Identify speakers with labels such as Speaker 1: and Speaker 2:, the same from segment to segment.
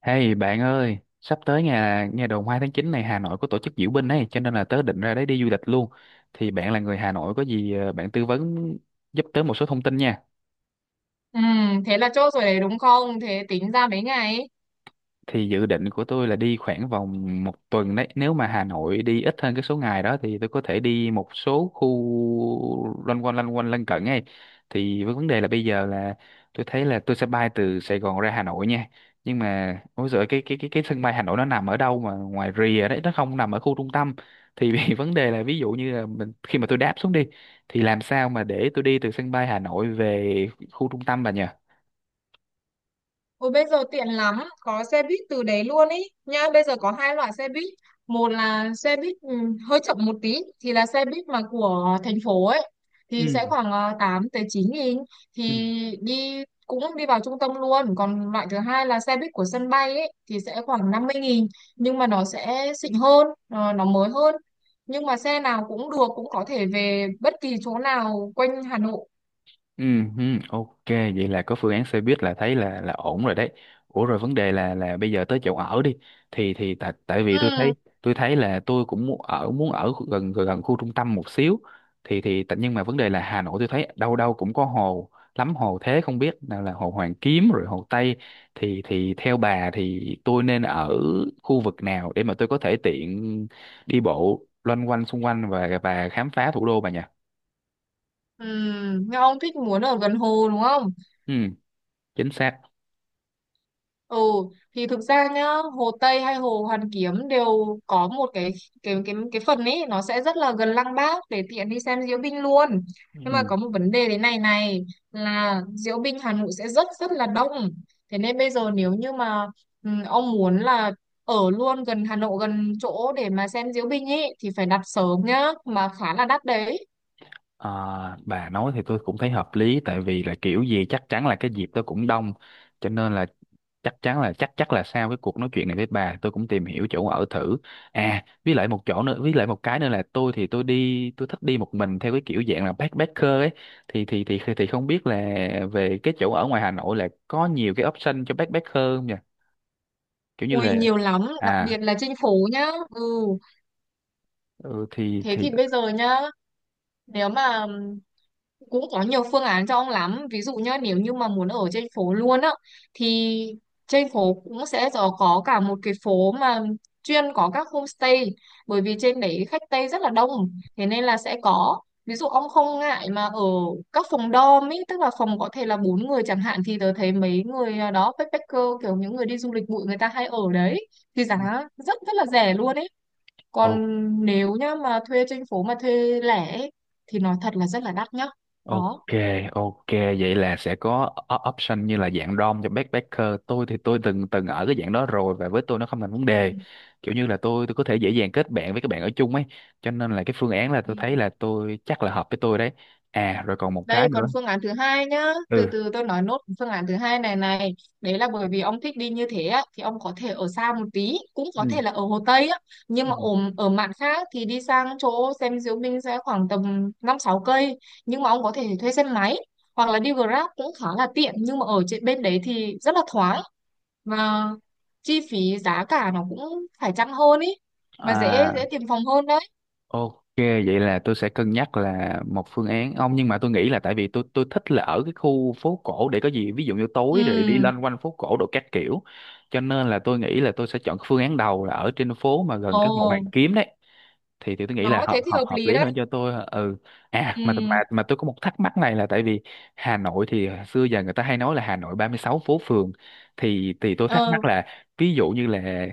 Speaker 1: Hey bạn ơi, sắp tới nhà nhà đầu hai tháng 9 này Hà Nội có tổ chức diễu binh ấy, cho nên là tớ định ra đấy đi du lịch luôn. Thì bạn là người Hà Nội có gì bạn tư vấn giúp tớ một số thông tin nha.
Speaker 2: Ừ, thế là chốt rồi đấy đúng không? Thế tính ra mấy ngày ấy.
Speaker 1: Thì dự định của tôi là đi khoảng vòng một tuần đấy, nếu mà Hà Nội đi ít hơn cái số ngày đó thì tôi có thể đi một số khu loanh quanh lân cận ấy. Thì với vấn đề là bây giờ là tôi thấy là tôi sẽ bay từ Sài Gòn ra Hà Nội nha. Nhưng mà ôi giời, cái sân bay Hà Nội nó nằm ở đâu mà ngoài rìa đấy, nó không nằm ở khu trung tâm. Thì vì vấn đề là ví dụ như là mình, khi mà tôi đáp xuống đi thì làm sao mà để tôi đi từ sân bay Hà Nội về khu trung tâm bà nhỉ?
Speaker 2: Ôi bây giờ tiện lắm, có xe buýt từ đấy luôn ý. Nhá, bây giờ có hai loại xe buýt. Một là xe buýt hơi chậm một tí thì là xe buýt mà của thành phố ấy thì sẽ
Speaker 1: Ừ.
Speaker 2: khoảng 8 tới 9.000 thì
Speaker 1: Ừ.
Speaker 2: đi cũng đi vào trung tâm luôn. Còn loại thứ hai là xe buýt của sân bay ấy thì sẽ khoảng 50.000 nhưng mà nó sẽ xịn hơn, nó mới hơn. Nhưng mà xe nào cũng được, cũng có thể về bất kỳ chỗ nào quanh Hà Nội.
Speaker 1: Ừ, ừ, ok, vậy là có phương án xe buýt là thấy là ổn rồi đấy. Ủa rồi vấn đề là bây giờ tới chỗ ở đi, thì tại tại vì tôi thấy,
Speaker 2: Ừ.
Speaker 1: tôi thấy là tôi cũng muốn ở, gần gần khu trung tâm một xíu. Nhưng mà vấn đề là Hà Nội tôi thấy đâu đâu cũng có hồ, lắm hồ thế, không biết nào là hồ Hoàn Kiếm rồi hồ Tây. Thì theo bà thì tôi nên ở khu vực nào để mà tôi có thể tiện đi bộ loanh quanh xung quanh và khám phá thủ đô bà nhỉ?
Speaker 2: Ừ, nhưng ông thích muốn ở gần hồ đúng không?
Speaker 1: Ừ, chính xác.
Speaker 2: Ừ, thì thực ra nhá, Hồ Tây hay Hồ Hoàn Kiếm đều có một cái phần ấy nó sẽ rất là gần Lăng Bác để tiện đi xem diễu binh luôn.
Speaker 1: Ừ.
Speaker 2: Nhưng mà
Speaker 1: Ừ.
Speaker 2: có một vấn đề thế này này là diễu binh Hà Nội sẽ rất rất là đông. Thế nên bây giờ nếu như mà ông muốn là ở luôn gần Hà Nội gần chỗ để mà xem diễu binh ấy thì phải đặt sớm nhá, mà khá là đắt đấy.
Speaker 1: À, bà nói thì tôi cũng thấy hợp lý, tại vì là kiểu gì chắc chắn là cái dịp tôi cũng đông, cho nên là chắc chắn là chắc chắc là sau cái cuộc nói chuyện này với bà tôi cũng tìm hiểu chỗ ở thử. À, với lại một chỗ nữa, với lại một cái nữa là tôi thì tôi đi, tôi thích đi một mình theo cái kiểu dạng là backpacker ấy. Thì không biết là về cái chỗ ở ngoài Hà Nội là có nhiều cái option cho backpacker không nhỉ, kiểu như
Speaker 2: Ui
Speaker 1: là.
Speaker 2: nhiều lắm, đặc biệt
Speaker 1: À.
Speaker 2: là trên phố nhá. Ừ.
Speaker 1: Ừ, thì
Speaker 2: Thế
Speaker 1: thì
Speaker 2: thì bây giờ nhá, nếu mà cũng có nhiều phương án cho ông lắm. Ví dụ nhá, nếu như mà muốn ở trên phố luôn á, thì trên phố cũng sẽ có cả một cái phố mà chuyên có các homestay. Bởi vì trên đấy khách Tây rất là đông, thế nên là sẽ có. Ví dụ ông không ngại mà ở các phòng dorm ý, tức là phòng có thể là bốn người chẳng hạn thì tớ thấy mấy người đó backpacker kiểu những người đi du lịch bụi người ta hay ở đấy thì giá rất rất là rẻ luôn ý, còn
Speaker 1: Ok.
Speaker 2: nếu nhá mà thuê trên phố mà thuê lẻ ấy, thì nói thật là rất là đắt nhá,
Speaker 1: Ok,
Speaker 2: đó.
Speaker 1: ok, vậy là sẽ có option như là dạng DOM cho backpacker. Tôi thì tôi từng từng ở cái dạng đó rồi và với tôi nó không thành vấn đề.
Speaker 2: Ừ.
Speaker 1: Kiểu như là tôi có thể dễ dàng kết bạn với các bạn ở chung ấy. Cho nên là cái phương án là
Speaker 2: Ừ.
Speaker 1: tôi thấy là tôi chắc là hợp với tôi đấy. À rồi còn một cái
Speaker 2: Đây
Speaker 1: nữa.
Speaker 2: còn phương án thứ hai nhá,
Speaker 1: Ừ.
Speaker 2: từ từ tôi nói nốt phương án thứ hai này này, đấy là bởi vì ông thích đi như thế á, thì ông có thể ở xa một tí, cũng có
Speaker 1: Ừ.
Speaker 2: thể là ở Hồ Tây á, nhưng
Speaker 1: Ừ.
Speaker 2: mà ở ở mạn khác thì đi sang chỗ xem diễu binh sẽ khoảng tầm 5-6 cây, nhưng mà ông có thể thuê xe máy hoặc là đi Grab cũng khá là tiện, nhưng mà ở trên bên đấy thì rất là thoáng và chi phí giá cả nó cũng phải chăng hơn ý, mà dễ
Speaker 1: À.
Speaker 2: dễ tìm phòng hơn đấy.
Speaker 1: Ok, vậy là tôi sẽ cân nhắc là một phương án ông, nhưng mà tôi nghĩ là tại vì tôi thích là ở cái khu phố cổ, để có gì ví dụ như tối rồi đi
Speaker 2: Ừ.
Speaker 1: loanh quanh phố cổ đồ các kiểu, cho nên là tôi nghĩ là tôi sẽ chọn cái phương án đầu là ở trên phố mà gần cái hồ Hoàn
Speaker 2: Ồ,
Speaker 1: Kiếm đấy. Thì tôi nghĩ là
Speaker 2: nó
Speaker 1: hợp
Speaker 2: thế thì
Speaker 1: hợp
Speaker 2: hợp
Speaker 1: hợp
Speaker 2: lý
Speaker 1: lý
Speaker 2: đấy.
Speaker 1: hơn cho tôi, ừ. À
Speaker 2: Ừ.
Speaker 1: mà tôi có một thắc mắc này là tại vì Hà Nội thì xưa giờ người ta hay nói là Hà Nội 36 phố phường, thì tôi thắc
Speaker 2: Ờ.
Speaker 1: mắc là ví dụ như là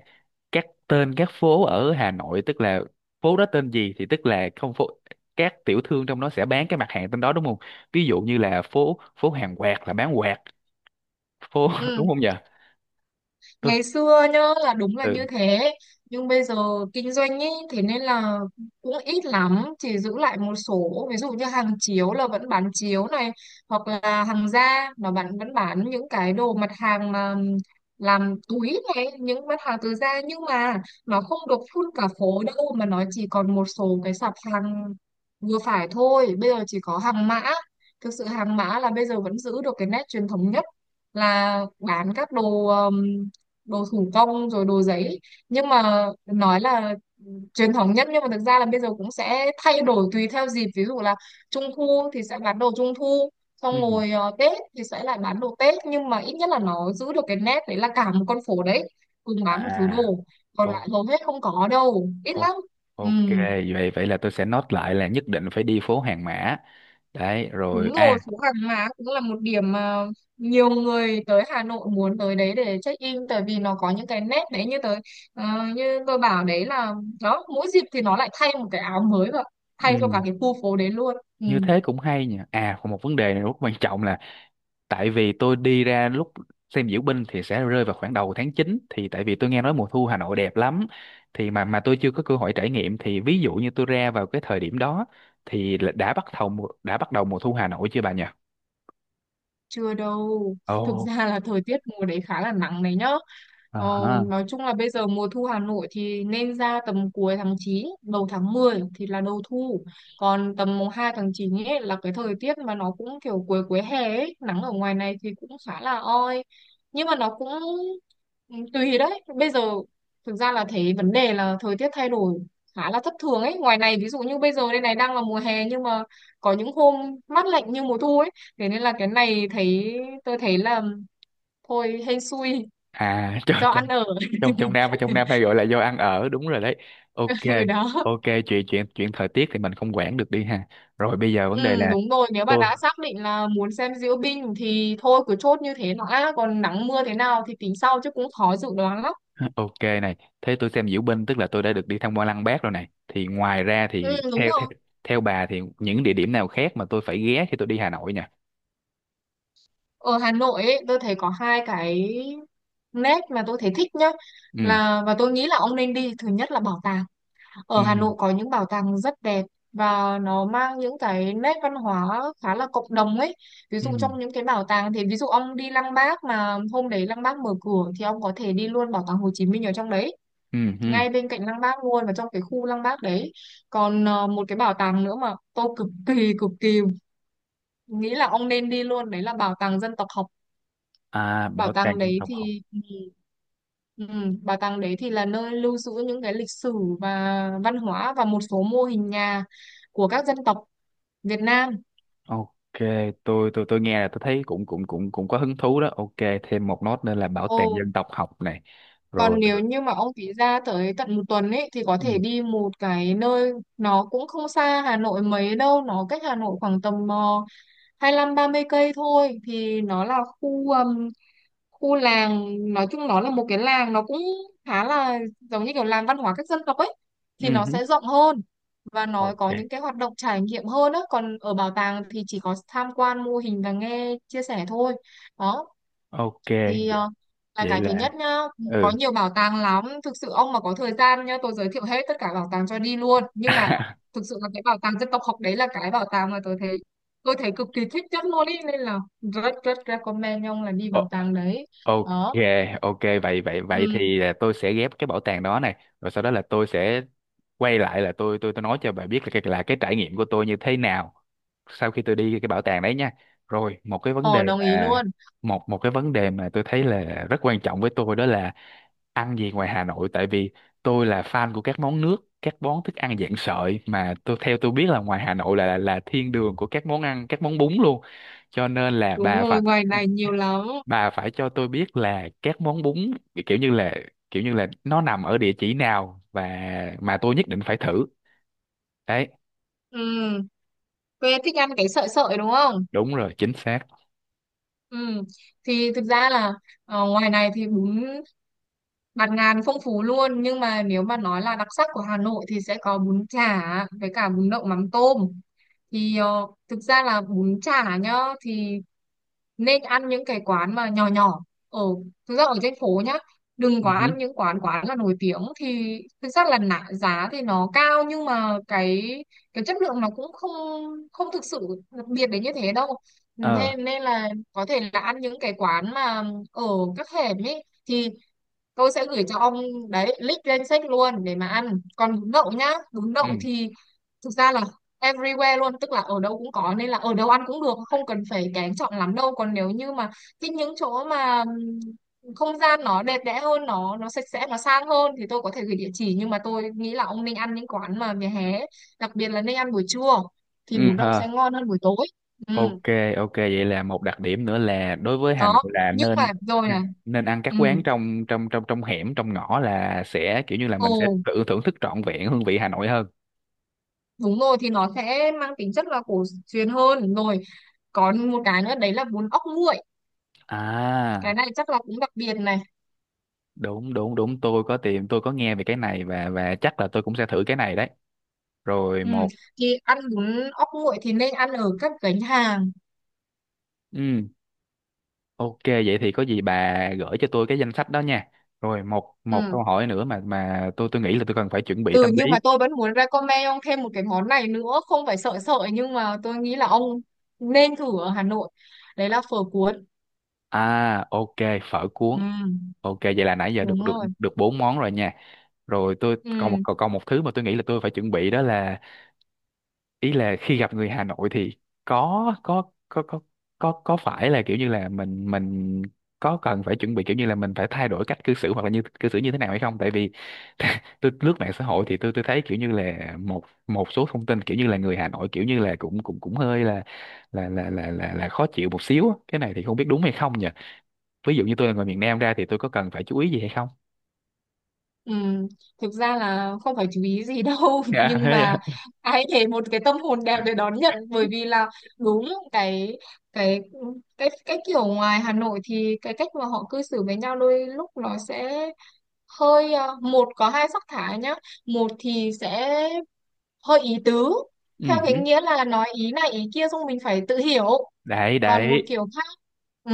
Speaker 1: các tên các phố ở Hà Nội, tức là phố đó tên gì thì tức là không phố, các tiểu thương trong đó sẽ bán cái mặt hàng tên đó đúng không? Ví dụ như là phố phố hàng quạt là bán quạt, phố đúng
Speaker 2: Ừ,
Speaker 1: không nhỉ? Ừ.
Speaker 2: ngày xưa nhá là đúng là như
Speaker 1: Ừ.
Speaker 2: thế, nhưng bây giờ kinh doanh ý thế nên là cũng ít lắm, chỉ giữ lại một số ví dụ như hàng chiếu là vẫn bán chiếu này, hoặc là hàng da mà bạn vẫn bán những cái đồ mặt hàng mà làm túi này, những mặt hàng từ da, nhưng mà nó không được phun cả phố đâu mà nó chỉ còn một số cái sạp hàng vừa phải thôi. Bây giờ chỉ có hàng mã thực sự, hàng mã là bây giờ vẫn giữ được cái nét truyền thống nhất, là bán các đồ, đồ thủ công rồi đồ giấy, nhưng mà nói là truyền thống nhất nhưng mà thực ra là bây giờ cũng sẽ thay đổi tùy theo dịp, ví dụ là trung thu thì sẽ bán đồ trung thu, xong
Speaker 1: Ừ.
Speaker 2: rồi tết thì sẽ lại bán đồ tết, nhưng mà ít nhất là nó giữ được cái nét đấy là cả một con phố đấy cùng bán một thứ
Speaker 1: À.
Speaker 2: đồ, còn
Speaker 1: Ô.
Speaker 2: lại hầu hết không có đâu, ít lắm.
Speaker 1: Ô.
Speaker 2: Ừ.
Speaker 1: Ok, vậy vậy là tôi sẽ note lại là nhất định phải đi phố hàng mã đấy
Speaker 2: Đúng
Speaker 1: rồi,
Speaker 2: rồi,
Speaker 1: à.
Speaker 2: phố Hàng Má cũng là một điểm mà nhiều người tới Hà Nội muốn tới đấy để check in, tại vì nó có những cái nét đấy, như tới ờ, như tôi bảo đấy là đó, mỗi dịp thì nó lại thay một cái áo mới và thay cho cả
Speaker 1: Ừ.
Speaker 2: cái khu phố đấy luôn. Ừ.
Speaker 1: Như thế cũng hay nhỉ. À còn một vấn đề này rất quan trọng là tại vì tôi đi ra lúc xem diễu binh thì sẽ rơi vào khoảng đầu tháng chín, thì tại vì tôi nghe nói mùa thu Hà Nội đẹp lắm thì mà tôi chưa có cơ hội trải nghiệm, thì ví dụ như tôi ra vào cái thời điểm đó thì là đã bắt đầu đã bắt đầu mùa thu Hà Nội chưa bà nhỉ?
Speaker 2: Chưa đâu.
Speaker 1: Ồ,
Speaker 2: Thực ra là thời tiết mùa đấy khá là nắng đấy nhá.
Speaker 1: à
Speaker 2: Ờ,
Speaker 1: ha.
Speaker 2: nói chung là bây giờ mùa thu Hà Nội thì nên ra tầm cuối tháng 9 đầu tháng 10 thì là đầu thu. Còn tầm mùng 2 tháng 9 ấy là cái thời tiết mà nó cũng kiểu cuối cuối hè ấy, nắng ở ngoài này thì cũng khá là oi. Nhưng mà nó cũng ừ, tùy đấy. Bây giờ thực ra là thấy vấn đề là thời tiết thay đổi khá là thất thường ấy. Ngoài này ví dụ như bây giờ đây này đang là mùa hè, nhưng mà có những hôm mát lạnh như mùa thu ấy, thế nên là cái này thấy tôi thấy là thôi hên xui
Speaker 1: À trong
Speaker 2: do
Speaker 1: trong
Speaker 2: ăn ở.
Speaker 1: trong trong Nam, hay gọi là do ăn ở, đúng rồi đấy. Ok,
Speaker 2: Ừ, đó.
Speaker 1: ok, chuyện chuyện chuyện thời tiết thì mình không quản được đi ha. Rồi bây giờ vấn đề
Speaker 2: Ừ,
Speaker 1: là
Speaker 2: đúng rồi, nếu mà
Speaker 1: tôi.
Speaker 2: đã xác định là muốn xem diễu binh thì thôi cứ chốt như thế, nó đã còn nắng mưa thế nào thì tính sau chứ cũng khó dự đoán lắm.
Speaker 1: Ok này, thế tôi xem diễu binh tức là tôi đã được đi tham quan Lăng Bác rồi này. Thì ngoài ra
Speaker 2: Ừ,
Speaker 1: thì
Speaker 2: đúng
Speaker 1: theo theo
Speaker 2: rồi,
Speaker 1: theo bà thì những địa điểm nào khác mà tôi phải ghé khi tôi đi Hà Nội nha.
Speaker 2: ở Hà Nội ấy, tôi thấy có hai cái nét mà tôi thấy thích nhá,
Speaker 1: Ừ.
Speaker 2: là và tôi nghĩ là ông nên đi. Thứ nhất là bảo tàng.
Speaker 1: Ừ.
Speaker 2: Ở Hà Nội có những bảo tàng rất đẹp và nó mang những cái nét văn hóa khá là cộng đồng ấy. Ví
Speaker 1: Ừ.
Speaker 2: dụ trong những cái bảo tàng thì ví dụ ông đi Lăng Bác mà hôm đấy Lăng Bác mở cửa thì ông có thể đi luôn bảo tàng Hồ Chí Minh ở trong đấy,
Speaker 1: Ừ. Ừ.
Speaker 2: ngay bên cạnh Lăng Bác luôn và trong cái khu Lăng Bác đấy. Còn một cái bảo tàng nữa mà tôi cực kỳ nghĩ là ông nên đi luôn, đấy là bảo tàng dân tộc học.
Speaker 1: À
Speaker 2: Bảo
Speaker 1: bảo tàng
Speaker 2: tàng
Speaker 1: dân
Speaker 2: đấy
Speaker 1: tộc học.
Speaker 2: thì ừ, bảo tàng đấy thì là nơi lưu giữ những cái lịch sử và văn hóa và một số mô hình nhà của các dân tộc Việt Nam.
Speaker 1: Ok, tôi nghe là tôi thấy cũng cũng cũng cũng có hứng thú đó. Ok, thêm một nốt nữa là bảo tàng
Speaker 2: Ồ,
Speaker 1: dân tộc học này.
Speaker 2: còn
Speaker 1: Rồi.
Speaker 2: nếu
Speaker 1: Rồi.
Speaker 2: như mà ông phí ra tới tận một tuần ấy thì có
Speaker 1: Ừ.
Speaker 2: thể đi một cái nơi nó cũng không xa Hà Nội mấy đâu, nó cách Hà Nội khoảng tầm 25-30 cây thôi, thì nó là khu, khu làng, nói chung nó là một cái làng, nó cũng khá là giống như kiểu làng văn hóa các dân tộc ấy,
Speaker 1: Ừ.
Speaker 2: thì nó
Speaker 1: Hứ.
Speaker 2: sẽ rộng hơn và nó có
Speaker 1: Ok.
Speaker 2: những cái hoạt động trải nghiệm hơn á, còn ở bảo tàng thì chỉ có tham quan mô hình và nghe chia sẻ thôi, đó.
Speaker 1: Ok,
Speaker 2: Thì là
Speaker 1: vậy
Speaker 2: cái thứ nhất
Speaker 1: là,
Speaker 2: nhá, có
Speaker 1: ừ.
Speaker 2: nhiều bảo tàng lắm, thực sự ông mà có thời gian nhá tôi giới thiệu hết tất cả bảo tàng cho đi luôn, nhưng mà thực sự là cái bảo tàng dân tộc học đấy là cái bảo tàng mà tôi thấy cực kỳ thích nhất luôn ý, nên là rất rất recommend ông là đi
Speaker 1: Ờ.
Speaker 2: bảo tàng đấy,
Speaker 1: Ok,
Speaker 2: đó.
Speaker 1: ok vậy vậy vậy
Speaker 2: Ừ,
Speaker 1: thì là tôi sẽ ghép cái bảo tàng đó này, rồi sau đó là tôi sẽ quay lại là tôi nói cho bà biết là cái trải nghiệm của tôi như thế nào sau khi tôi đi cái bảo tàng đấy nha. Rồi, một cái vấn đề
Speaker 2: ờ đồng ý
Speaker 1: mà
Speaker 2: luôn.
Speaker 1: một một cái vấn đề mà tôi thấy là rất quan trọng với tôi đó là ăn gì ngoài Hà Nội, tại vì tôi là fan của các món nước, các món thức ăn dạng sợi, mà tôi theo tôi biết là ngoài Hà Nội là thiên đường của các món ăn, các món bún luôn. Cho nên là
Speaker 2: Đúng
Speaker 1: bà phải,
Speaker 2: rồi, ngoài này nhiều lắm.
Speaker 1: cho tôi biết là các món bún, kiểu như là, kiểu như là nó nằm ở địa chỉ nào và mà tôi nhất định phải thử đấy.
Speaker 2: Ừ, quê thích ăn cái sợi sợi đúng không?
Speaker 1: Đúng rồi, chính xác.
Speaker 2: Ừ. Thì thực ra là ngoài này thì bún bạt ngàn phong phú luôn, nhưng mà nếu mà nói là đặc sắc của Hà Nội thì sẽ có bún chả với cả bún đậu mắm tôm. Thì ờ, thực ra là bún chả nhá, thì nên ăn những cái quán mà nhỏ nhỏ ở, thực ra ở trên phố nhá, đừng
Speaker 1: Ừ
Speaker 2: có
Speaker 1: hử.
Speaker 2: ăn những quán quán là nổi tiếng, thì thực ra là nạ, giá thì nó cao nhưng mà cái chất lượng nó cũng không không thực sự đặc biệt đến như thế đâu,
Speaker 1: Ờ.
Speaker 2: thế nên là có thể là ăn những cái quán mà ở các hẻm ấy, thì tôi sẽ gửi cho ông đấy link lên sách luôn để mà ăn. Còn bún đậu nhá, bún
Speaker 1: Ừ.
Speaker 2: đậu thì thực ra là everywhere luôn, tức là ở đâu cũng có nên là ở đâu ăn cũng được, không cần phải kén chọn lắm đâu. Còn nếu như mà thích những chỗ mà không gian nó đẹp đẽ hơn, nó sạch sẽ, nó sang hơn thì tôi có thể gửi địa chỉ, nhưng mà tôi nghĩ là ông nên ăn những quán mà vỉa hè ấy. Đặc biệt là nên ăn buổi trưa thì
Speaker 1: Ừ
Speaker 2: bún đậu sẽ
Speaker 1: hờ.
Speaker 2: ngon hơn buổi tối. Ừ,
Speaker 1: Ok. Ok, vậy là một đặc điểm nữa là đối với Hà Nội
Speaker 2: đó.
Speaker 1: là
Speaker 2: Nhưng mà
Speaker 1: nên,
Speaker 2: rồi này,
Speaker 1: nên ăn các
Speaker 2: ừ,
Speaker 1: quán trong trong trong trong hẻm, trong ngõ, là sẽ kiểu như là
Speaker 2: ồ
Speaker 1: mình sẽ tự thưởng thức trọn vẹn hương vị Hà Nội hơn.
Speaker 2: đúng rồi, thì nó sẽ mang tính chất là cổ truyền hơn rồi. Còn một cái nữa đấy là bún ốc nguội, cái
Speaker 1: À
Speaker 2: này chắc là cũng đặc biệt này.
Speaker 1: đúng đúng đúng tôi có tìm, tôi có nghe về cái này và chắc là tôi cũng sẽ thử cái này đấy. Rồi
Speaker 2: Ừ,
Speaker 1: một.
Speaker 2: thì ăn bún ốc nguội thì nên ăn ở các gánh hàng.
Speaker 1: Ừ. Ok vậy thì có gì bà gửi cho tôi cái danh sách đó nha. Rồi một một
Speaker 2: Ừ.
Speaker 1: câu hỏi nữa mà tôi nghĩ là tôi cần phải chuẩn bị
Speaker 2: Ừ,
Speaker 1: tâm
Speaker 2: nhưng
Speaker 1: lý.
Speaker 2: mà tôi vẫn muốn recommend ông thêm một cái món này nữa, không phải sợ sợ, nhưng mà tôi nghĩ là ông nên thử ở Hà Nội, đấy là phở cuốn.
Speaker 1: À ok, phở cuốn.
Speaker 2: Ừ,
Speaker 1: Ok vậy là nãy giờ được
Speaker 2: đúng
Speaker 1: được
Speaker 2: rồi.
Speaker 1: được bốn món rồi nha. Rồi tôi còn một,
Speaker 2: Ừ.
Speaker 1: còn còn một thứ mà tôi nghĩ là tôi phải chuẩn bị đó là ý là khi gặp người Hà Nội thì có có có có có phải là kiểu như là mình, có cần phải chuẩn bị kiểu như là mình phải thay đổi cách cư xử hoặc là như cư xử như thế nào hay không, tại vì tôi lướt mạng xã hội thì tôi thấy kiểu như là một một số thông tin kiểu như là người Hà Nội kiểu như là cũng cũng cũng hơi là khó chịu một xíu á. Cái này thì không biết đúng hay không nhỉ, ví dụ như tôi là người miền Nam ra thì tôi có cần phải chú ý gì hay không?
Speaker 2: Ừ, thực ra là không phải chú ý gì đâu
Speaker 1: Dạ
Speaker 2: nhưng
Speaker 1: thế
Speaker 2: mà
Speaker 1: à.
Speaker 2: ai để một cái tâm hồn đẹp để đón nhận, bởi vì là đúng cái, cái cái kiểu ngoài Hà Nội thì cái cách mà họ cư xử với nhau đôi lúc nó sẽ hơi một có hai sắc thái nhá. Một thì sẽ hơi ý tứ,
Speaker 1: Ừ.
Speaker 2: theo cái nghĩa là nói ý này ý kia xong mình phải tự hiểu.
Speaker 1: Đấy
Speaker 2: Còn một
Speaker 1: đấy.
Speaker 2: kiểu khác, ừ,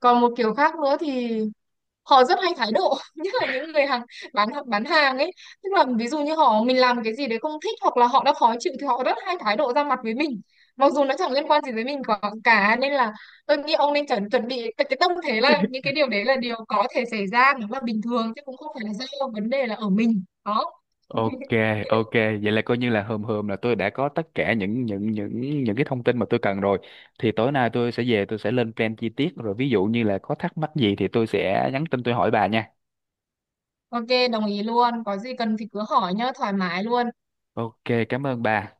Speaker 2: còn một kiểu khác nữa thì họ rất hay thái độ nhất là những người hàng bán hàng ấy, tức là ví dụ như họ mình làm cái gì đấy không thích hoặc là họ đã khó chịu thì họ rất hay thái độ ra mặt với mình, mặc dù nó chẳng liên quan gì với mình cả, nên là tôi nghĩ ông nên chuẩn chuẩn bị cái tâm thế là những cái điều đấy là điều có thể xảy ra, nó là bình thường chứ cũng không phải là do vấn đề là ở mình, đó.
Speaker 1: Ok, ok, vậy là coi như là hôm hôm là tôi đã có tất cả những cái thông tin mà tôi cần rồi. Thì tối nay tôi sẽ về tôi sẽ lên plan chi tiết rồi, ví dụ như là có thắc mắc gì thì tôi sẽ nhắn tin tôi hỏi bà nha.
Speaker 2: Ok, đồng ý luôn, có gì cần thì cứ hỏi nhá, thoải mái luôn.
Speaker 1: Ok, cảm ơn bà.